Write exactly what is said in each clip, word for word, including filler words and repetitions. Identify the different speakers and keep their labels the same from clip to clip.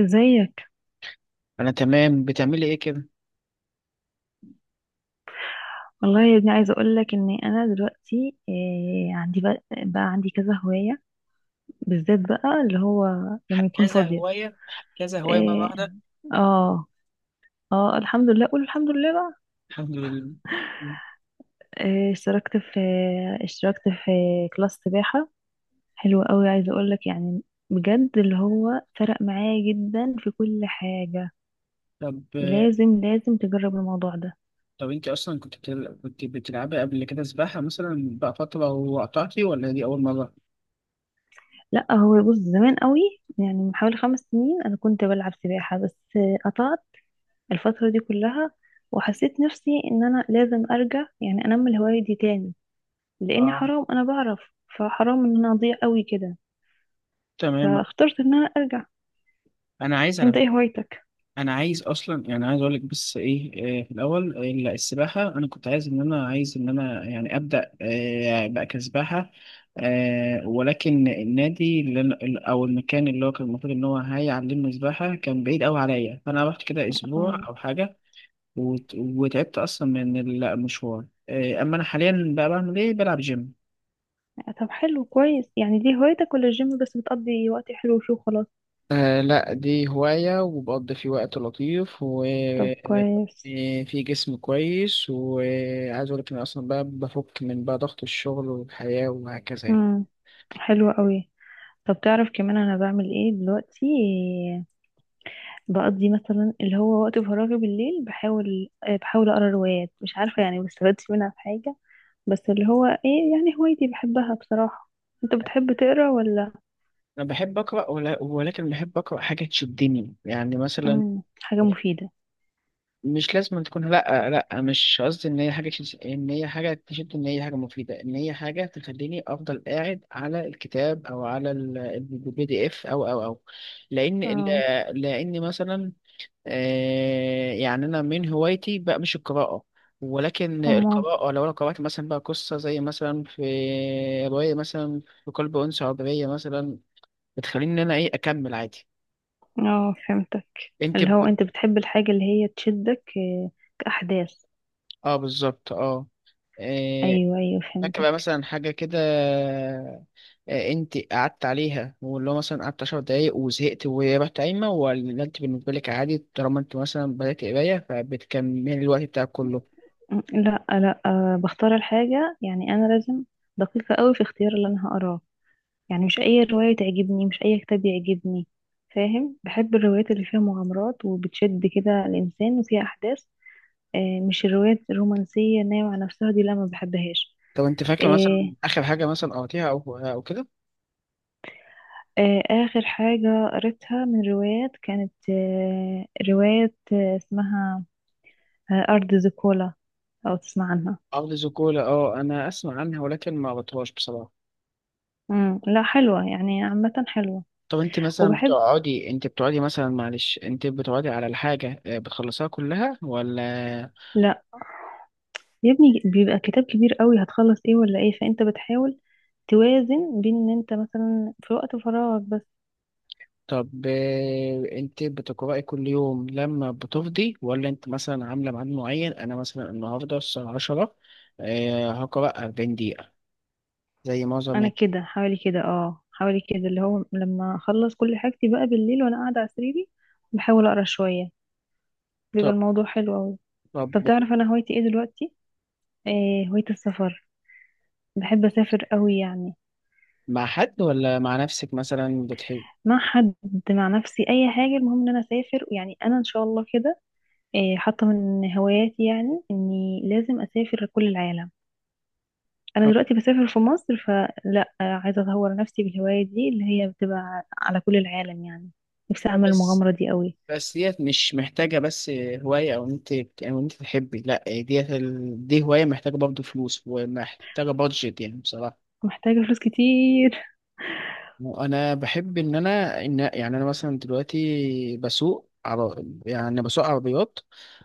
Speaker 1: ازيك؟
Speaker 2: انا تمام بتعملي ايه كده.
Speaker 1: والله يا ابني عايزه اقول لك ان انا دلوقتي إيه عندي بقى, بقى عندي كذا هوايه بالذات بقى اللي هو
Speaker 2: ح-
Speaker 1: لما يكون
Speaker 2: كذا
Speaker 1: فاضيه.
Speaker 2: هوايه ح- كذا هوايه مره
Speaker 1: إيه.
Speaker 2: واحده.
Speaker 1: اه، اه، الحمد لله. قول الحمد لله بقى.
Speaker 2: الحمد لله.
Speaker 1: إيه، اشتركت في اشتركت في كلاس سباحه. حلو قوي، عايزه اقول لك يعني بجد اللي هو فرق معايا جدا في كل حاجه.
Speaker 2: طب،
Speaker 1: لازم لازم تجرب الموضوع ده.
Speaker 2: طب انت اصلا كنت بتل... كنت بتلعبي قبل كده سباحه مثلا بقى فتره وقطعتي ولا دي اول مره؟
Speaker 1: لا، هو بص زمان قوي. يعني من حوالي خمس سنين انا كنت بلعب سباحه. بس قطعت الفترة دي كلها. وحسيت نفسي ان انا لازم ارجع، يعني انمي الهواية دي تاني لاني
Speaker 2: اه،
Speaker 1: حرام انا بعرف. فحرام ان انا اضيع قوي كده.
Speaker 2: تمام.
Speaker 1: فاخترت ان انا ارجع.
Speaker 2: انا عايز
Speaker 1: انت
Speaker 2: على
Speaker 1: ايه هوايتك؟
Speaker 2: انا عايز اصلا، يعني عايز اقول لك بس ايه آه، في الاول، آه، لا، السباحه انا كنت عايز ان انا عايز ان انا يعني ابدا آه، بقى كسباحه، آه، ولكن النادي اللي أنا- او المكان اللي هو كان المفروض ان هو هيعلمني سباحه كان بعيد قوي عليا، فانا رحت كده اسبوع
Speaker 1: اه،
Speaker 2: او حاجه وت- وتعبت اصلا من المشوار. آه، اما انا حاليا بقى بعمل ايه، بلعب جيم.
Speaker 1: طب حلو، كويس. يعني دي هوايتك ولا الجيم بس بتقضي وقت حلو وشو خلاص؟
Speaker 2: آه لا، دي هواية وبقضي فيه وقت لطيف
Speaker 1: طب كويس.
Speaker 2: وفي جسم كويس، وعايز أقول لك إن أصلا بقى بفك من بقى ضغط الشغل والحياة وهكذا يعني.
Speaker 1: امم حلو قوي. طب تعرف كمان انا بعمل ايه دلوقتي؟ بقضي مثلا اللي هو وقت فراغي بالليل، بحاول آه، بحاول اقرا روايات. مش عارفه يعني ما استفدتش منها في حاجه، بس اللي هو ايه يعني هوايتي بحبها بصراحة. انت بتحب تقرا ولا؟
Speaker 2: أنا بحب أقرأ ولا- ولكن بحب أقرأ حاجة تشدني، يعني مثلا
Speaker 1: امم حاجة مفيدة.
Speaker 2: مش لازم أن تكون، لا لا مش قصدي إن هي حاجة تش- إن هي حاجة تشد، إن هي حاجة مفيدة، إن هي حاجة تخليني أفضل قاعد على الكتاب أو على البي دي إف أو أو أو. لأن،
Speaker 1: اه،
Speaker 2: لأن مثلا آه، يعني انا من هوايتي بقى مش القراءه، ولكن
Speaker 1: امال.
Speaker 2: القراءه لو انا قرات مثلا بقى قصه زي مثلا في روايه مثلا في قلب انثى عبريه مثلا، بتخليني ان انا ايه اكمل عادي.
Speaker 1: اه فهمتك.
Speaker 2: انت
Speaker 1: اللي
Speaker 2: ب...
Speaker 1: هو انت بتحب الحاجة اللي هي تشدك آه، كأحداث.
Speaker 2: اه بالظبط اه. آه،
Speaker 1: ايوه، ايوه،
Speaker 2: فاكره
Speaker 1: فهمتك.
Speaker 2: مثلا حاجه كده آه، انت قعدت عليها، واللي هو مثلا قعدت عشر دقايق وزهقت ورحت قايمه، ولا انت بالنسبه لك عادي طالما انت مثلا بدات قرايه فبتكمل الوقت بتاعك كله؟
Speaker 1: أمم، لا، لا، آه، بختار الحاجة. يعني انا لازم دقيقة قوي في اختيار اللي انا هقراه. يعني مش اي رواية تعجبني، مش اي كتاب يعجبني. فاهم؟ بحب الروايات اللي فيها مغامرات وبتشد كده الانسان وفيها احداث. آه، مش الروايات الرومانسية نايمة على نفسها دي، لا ما بحبهاش.
Speaker 2: طب انت فاكره
Speaker 1: آه،
Speaker 2: مثلا اخر حاجه مثلا قريتيها او او كده؟
Speaker 1: آه، آه، آخر حاجة قريتها من روايات كانت آه، رواية آه، اسمها آه، أرض زيكولا. أو تسمع عنها؟
Speaker 2: ارض زيكولا، اه انا اسمع عنها ولكن ما قريتهاش بصراحه.
Speaker 1: مم. لا، حلوة يعني، عامة حلوة.
Speaker 2: طب انت مثلا
Speaker 1: وبحب.
Speaker 2: بتقعدي انت بتقعدي مثلا معلش انت بتقعدي على الحاجه، آه، بتخلصيها كلها ولا؟
Speaker 1: لا يا ابني، بيبقى كتاب كبير قوي هتخلص ايه ولا ايه. فانت بتحاول توازن بين ان انت مثلا في وقت فراغك بس.
Speaker 2: طب، آه، انت بتقرأي كل يوم لما بتفضي، ولا انت مثلا عامله ميعاد معين؟ انا مثلا النهارده الساعه عشرة، آه، هقرأ اربعين دقيقه زي معظم.
Speaker 1: انا كده حوالي كده اه حوالي كده اللي هو لما اخلص كل حاجتي بقى بالليل وانا قاعدة على سريري بحاول اقرا شوية. بيبقى
Speaker 2: طب،
Speaker 1: الموضوع حلو أوي.
Speaker 2: طب
Speaker 1: طب تعرف أنا هوايتي إيه دلوقتي؟ إيه، هواية السفر. بحب أسافر أوي يعني.
Speaker 2: مع حد ولا مع نفسك مثلا بتحب؟
Speaker 1: مع حد، مع نفسي، أي حاجة، المهم إن أنا أسافر. يعني أنا إن شاء الله كده إيه حاطة من هواياتي، يعني إني لازم أسافر كل العالم. أنا دلوقتي بسافر في مصر، فلا، آه، عايزة أطور نفسي بالهواية دي اللي هي بتبقى على كل العالم يعني. نفسي أعمل
Speaker 2: بس
Speaker 1: المغامرة دي أوي.
Speaker 2: بس ديت مش محتاجة بس هواية، أو أنت أو أنت تحبي، لأ، ديت ال... دي هواية محتاجة برضه فلوس ومحتاجة بادجت يعني بصراحة.
Speaker 1: محتاجة فلوس كتير.
Speaker 2: وأنا بحب إن أنا إن يعني أنا مثلا دلوقتي بسوق عر... يعني بسوق عربيات،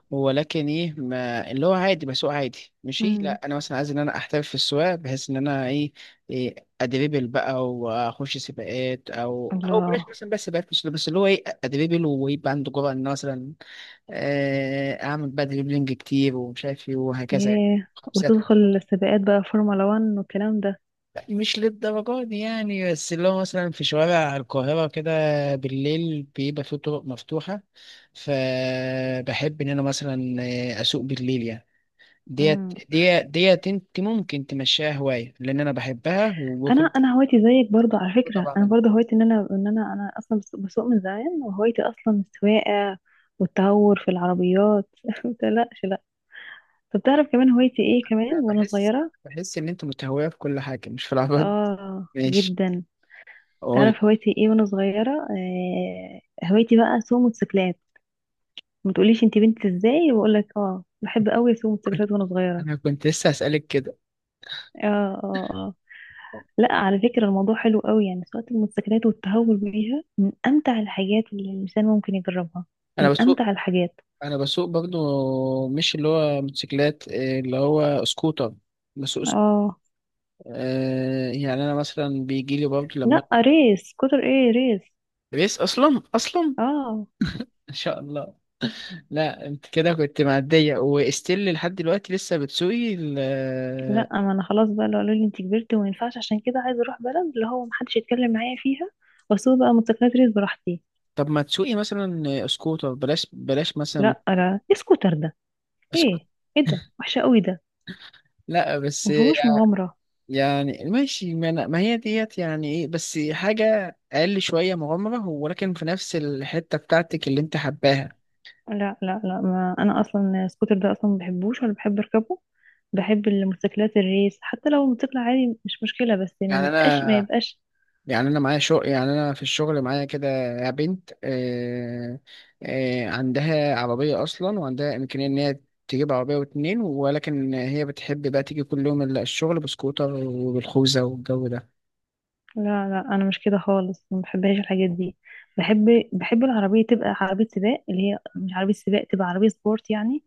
Speaker 2: ولكن إيه ما... اللي هو عادي بسوق عادي ماشي.
Speaker 1: مم.
Speaker 2: لأ، أنا مثلا عايز إن أنا أحترف في السواقة بحيث إن أنا إيه، إيه أدريبل بقى وأخش سباقات، أو أو بلاش
Speaker 1: الله.
Speaker 2: مثلا بس سباقات، مش بس اللي هو إيه أدريبل ويبقى عنده جرأة إن أنا مثلا، آه، اعمل بقى دريبلينج كتير ومش عارف ايه وهكذا يعني،
Speaker 1: ياه.
Speaker 2: خمسات
Speaker 1: وتدخل
Speaker 2: وكده.
Speaker 1: السباقات بقى فورمولا 1 والكلام ده؟
Speaker 2: لا، مش للدرجه دي يعني، بس اللي هو مثلا في شوارع القاهره كده بالليل بيبقى فيه طرق مفتوحه، فبحب ان انا مثلا آه، اسوق بالليل يعني. ديت
Speaker 1: مم.
Speaker 2: ديت ديت انت ممكن تمشيها هوايه لان انا بحبها
Speaker 1: انا
Speaker 2: وكل.
Speaker 1: انا هوايتي زيك برضو على فكره، انا
Speaker 2: طبعا.
Speaker 1: برضو هوايتي ان انا ان انا انا اصلا بس- بسوق من زمان، وهوايتي اصلا السواقه والتهور في العربيات ما تقلقش، لا. طب تعرف كمان هوايتي ايه كمان
Speaker 2: أنا
Speaker 1: وانا
Speaker 2: بحس
Speaker 1: صغيره؟
Speaker 2: بحس ان انت متهويه في كل حاجه مش في العربيات.
Speaker 1: اه
Speaker 2: ماشي.
Speaker 1: جدا.
Speaker 2: قول.
Speaker 1: تعرف هوايتي ايه وانا صغيره؟ آه هوايتي بقى اسوق موتوسيكلات. ما تقوليش انت بنت ازاي، واقول لك اه بحب قوي اسوق
Speaker 2: كنت-
Speaker 1: موتوسيكلات وانا صغيره.
Speaker 2: انا كنت لسه هسألك كده.
Speaker 1: اه، اه، آه. لا، على فكرة الموضوع حلو قوي يعني سواقة الموتوسيكلات والتهور بيها من أمتع الحاجات اللي الإنسان ممكن يجربها.
Speaker 2: انا
Speaker 1: من
Speaker 2: بسوق
Speaker 1: أمتع الحاجات.
Speaker 2: انا بسوق برضو مش اللي هو موتوسيكلات، إيه اللي هو سكوتر. بسوق سك...
Speaker 1: اه.
Speaker 2: آه، يعني انا مثلا بيجي لي برضو لما،
Speaker 1: لا، ريس كتر ايه، ريس.
Speaker 2: ريس اصلا اصلا
Speaker 1: اه،
Speaker 2: ان شاء الله. لا انت كده كنت معديه واستيل لحد دلوقتي لسه بتسوقي ال...
Speaker 1: لا، ما انا خلاص بقى. لو قالوا لي انت كبرتي وما ينفعش عشان كده، عايزة اروح بلد اللي هو محدش يتكلم معايا فيها واسوق بقى موتوسيكلات ريس براحتي.
Speaker 2: طب ما تسوقي مثلا سكوتر، بلاش بلاش مثلا
Speaker 1: لا، لا، ايه سكوتر ده؟
Speaker 2: سكوت
Speaker 1: ايه، ايه ده وحشة قوي ده،
Speaker 2: لا بس
Speaker 1: مفيهوش
Speaker 2: يع-
Speaker 1: مغامرة.
Speaker 2: يعني ماشي، ما, أنا... ما هي ديت يعني ايه، بس حاجه اقل شويه مغامره، ولكن في نفس الحته بتاعتك اللي انت حباها.
Speaker 1: لا، لا، لا، ما انا اصلا السكوتر ده اصلا ما بحبوش ولا بحب اركبه. بحب الموتوسيكلات الريس، حتى لو موتوسيكل عادي مش مشكله، بس ما
Speaker 2: يعني
Speaker 1: بيبقاش ما
Speaker 2: انا
Speaker 1: يبقاش.
Speaker 2: يعني انا معايا شغل، يعني انا في الشغل معايا كده بنت، آه آه عندها عربيه اصلا وعندها امكانيه ان هي تجيب عربيه واتنين، ولكن هي بتحب بقى تيجي كل يوم ال- الشغل بسكوتر وبالخوذه والجو ده.
Speaker 1: لا، لا، انا مش كده خالص، ما بحبهاش الحاجات دي. بحب بحب العربيه تبقى عربيه سباق اللي هي مش عربيه سباق تبقى عربيه سبورت يعني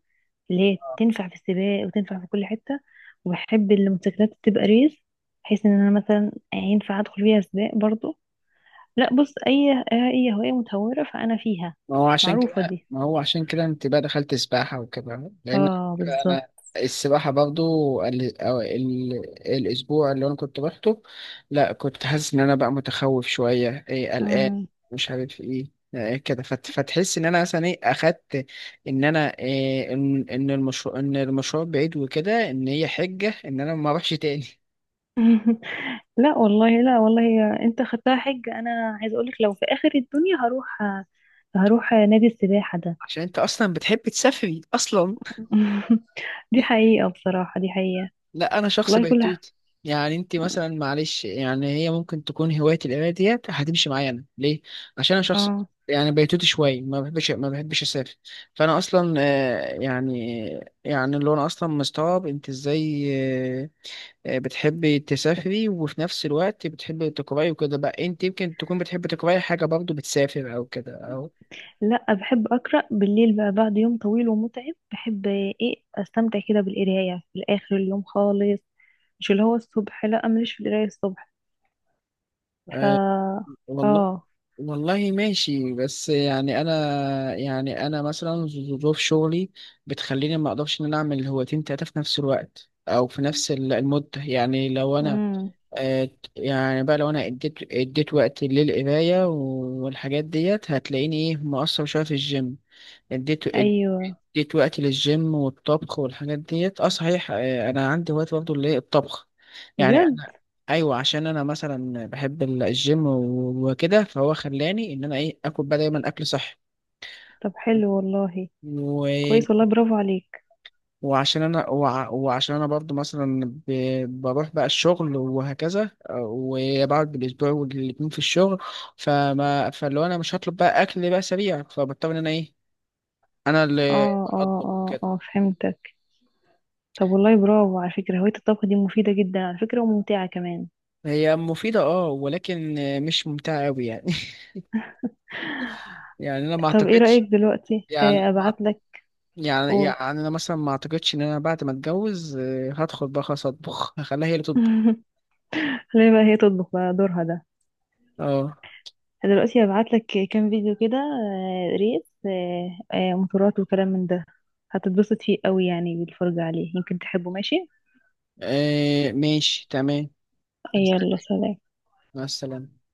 Speaker 1: اللي هي تنفع في السباق وتنفع في كل حته. وبحب الموتوسيكلات تبقى ريس بحيث ان انا مثلا ينفع ادخل فيها سباق برضو. لا، بص، اي اي هوايه متهوره فانا فيها
Speaker 2: ما هو عشان
Speaker 1: معروفه
Speaker 2: كده
Speaker 1: دي.
Speaker 2: ما هو عشان كده انت بقى دخلت سباحة وكده لأن
Speaker 1: اه، بالظبط.
Speaker 2: أنا السباحة برضو ال... أو ال... الأسبوع اللي أنا كنت روحته، لا كنت حاسس إن أنا بقى متخوف شوية إيه، قلقان،
Speaker 1: آه.
Speaker 2: مش عارف إيه إيه كده فت... فتحس إن أنا مثلا إيه أخدت، إن أنا إيه إن إن المشروع، إن المشروع بعيد وكده، إن هي حجة إن أنا ما أروحش تاني.
Speaker 1: لا والله، لا والله، انت خدتها حج. انا عايز اقولك لو في اخر الدنيا هروح، هروح نادي السباحة ده.
Speaker 2: عشان أنت أصلا بتحب تسافري أصلا.
Speaker 1: دي حقيقة بصراحة، دي حقيقة.
Speaker 2: لا، انا شخص
Speaker 1: والله كلها.
Speaker 2: بيتوتي، يعني انت مثلا معلش يعني هي ممكن تكون هوايه القرايه ديت هتمشي معايا انا ليه، عشان انا شخص
Speaker 1: اه.
Speaker 2: يعني بيتوتي شويه، ما بحبش ما بحبش اسافر. فانا اصلا آه، يعني يعني اللي هو انا اصلا مستغرب انت ازاي، آه، آه، بتحبي تسافري وفي نفس الوقت بتحبي تقراي وكده، بقى انت يمكن تكون بتحبي تقراي حاجه برضو بتسافر او كده او.
Speaker 1: لا، بحب اقرا بالليل بقى بعد يوم طويل ومتعب. بحب ايه استمتع كده بالقراية في الاخر اليوم خالص، مش اللي هو الصبح، لا، ماليش في القراية الصبح. ف
Speaker 2: آه، والله،
Speaker 1: اه
Speaker 2: والله ماشي، بس يعني انا، يعني انا مثلا ظروف شغلي بتخليني ما اقدرش ان انا اعمل هوايتين تلاته في نفس الوقت او في نفس ال- المده. يعني لو انا،
Speaker 1: امم
Speaker 2: آه، يعني بقى لو انا اديت اديت وقت للقرايه والحاجات ديت هتلاقيني ايه مقصر شويه في الجيم. اديت
Speaker 1: ايوه،
Speaker 2: اديت وقتي للجيم والطبخ والحاجات ديت. اه صحيح، آه، انا عندي وقت برضه اللي هي الطبخ. يعني
Speaker 1: بجد.
Speaker 2: انا ايوه، عشان انا مثلا بحب ال- الجيم و- وكده، فهو خلاني ان انا ايه اكل بقى دايما اكل صحي.
Speaker 1: طب حلو والله،
Speaker 2: و...
Speaker 1: كويس والله، برافو عليك.
Speaker 2: وعشان انا وع... وعشان انا برضه مثلا ب... بروح بقى الشغل وهكذا، آه، وبقعد بالاسبوع والاتنين في الشغل، فما فلو انا مش هطلب بقى اكل بقى سريع، فبضطر ان انا ايه، انا اللي
Speaker 1: اه، اه،
Speaker 2: اطبخ
Speaker 1: اه،
Speaker 2: وكده.
Speaker 1: اه، فهمتك. طب والله برافو. على فكرة هواية الطبخ دي مفيدة جدا على فكرة، وممتعة كمان.
Speaker 2: هي مفيدة اه، ولكن مش ممتعة أوي يعني. يعني أنا ما
Speaker 1: طب ايه رأيك
Speaker 2: أعتقدش،
Speaker 1: دلوقتي
Speaker 2: يعني أنا
Speaker 1: آه،
Speaker 2: ما أعت-
Speaker 1: ابعت لك؟
Speaker 2: يعني
Speaker 1: قول.
Speaker 2: يعني أنا مثلا ما أعتقدش إن أنا بعد ما أتجوز، آه، هدخل بقى خلاص أطبخ، هخليها هي اللي تطبخ.
Speaker 1: خلينا بقى هي تطبخ بقى دورها ده.
Speaker 2: اه،
Speaker 1: دلوقتي هبعت لك كام فيديو كده، آه، ريس، آه، آه، موتورات وكلام من ده. هتتبسط فيه قوي يعني، بالفرجة عليه يمكن تحبه، ماشي؟
Speaker 2: آه، ماشي، تمام.
Speaker 1: يلا، سلام.
Speaker 2: مع السلامة.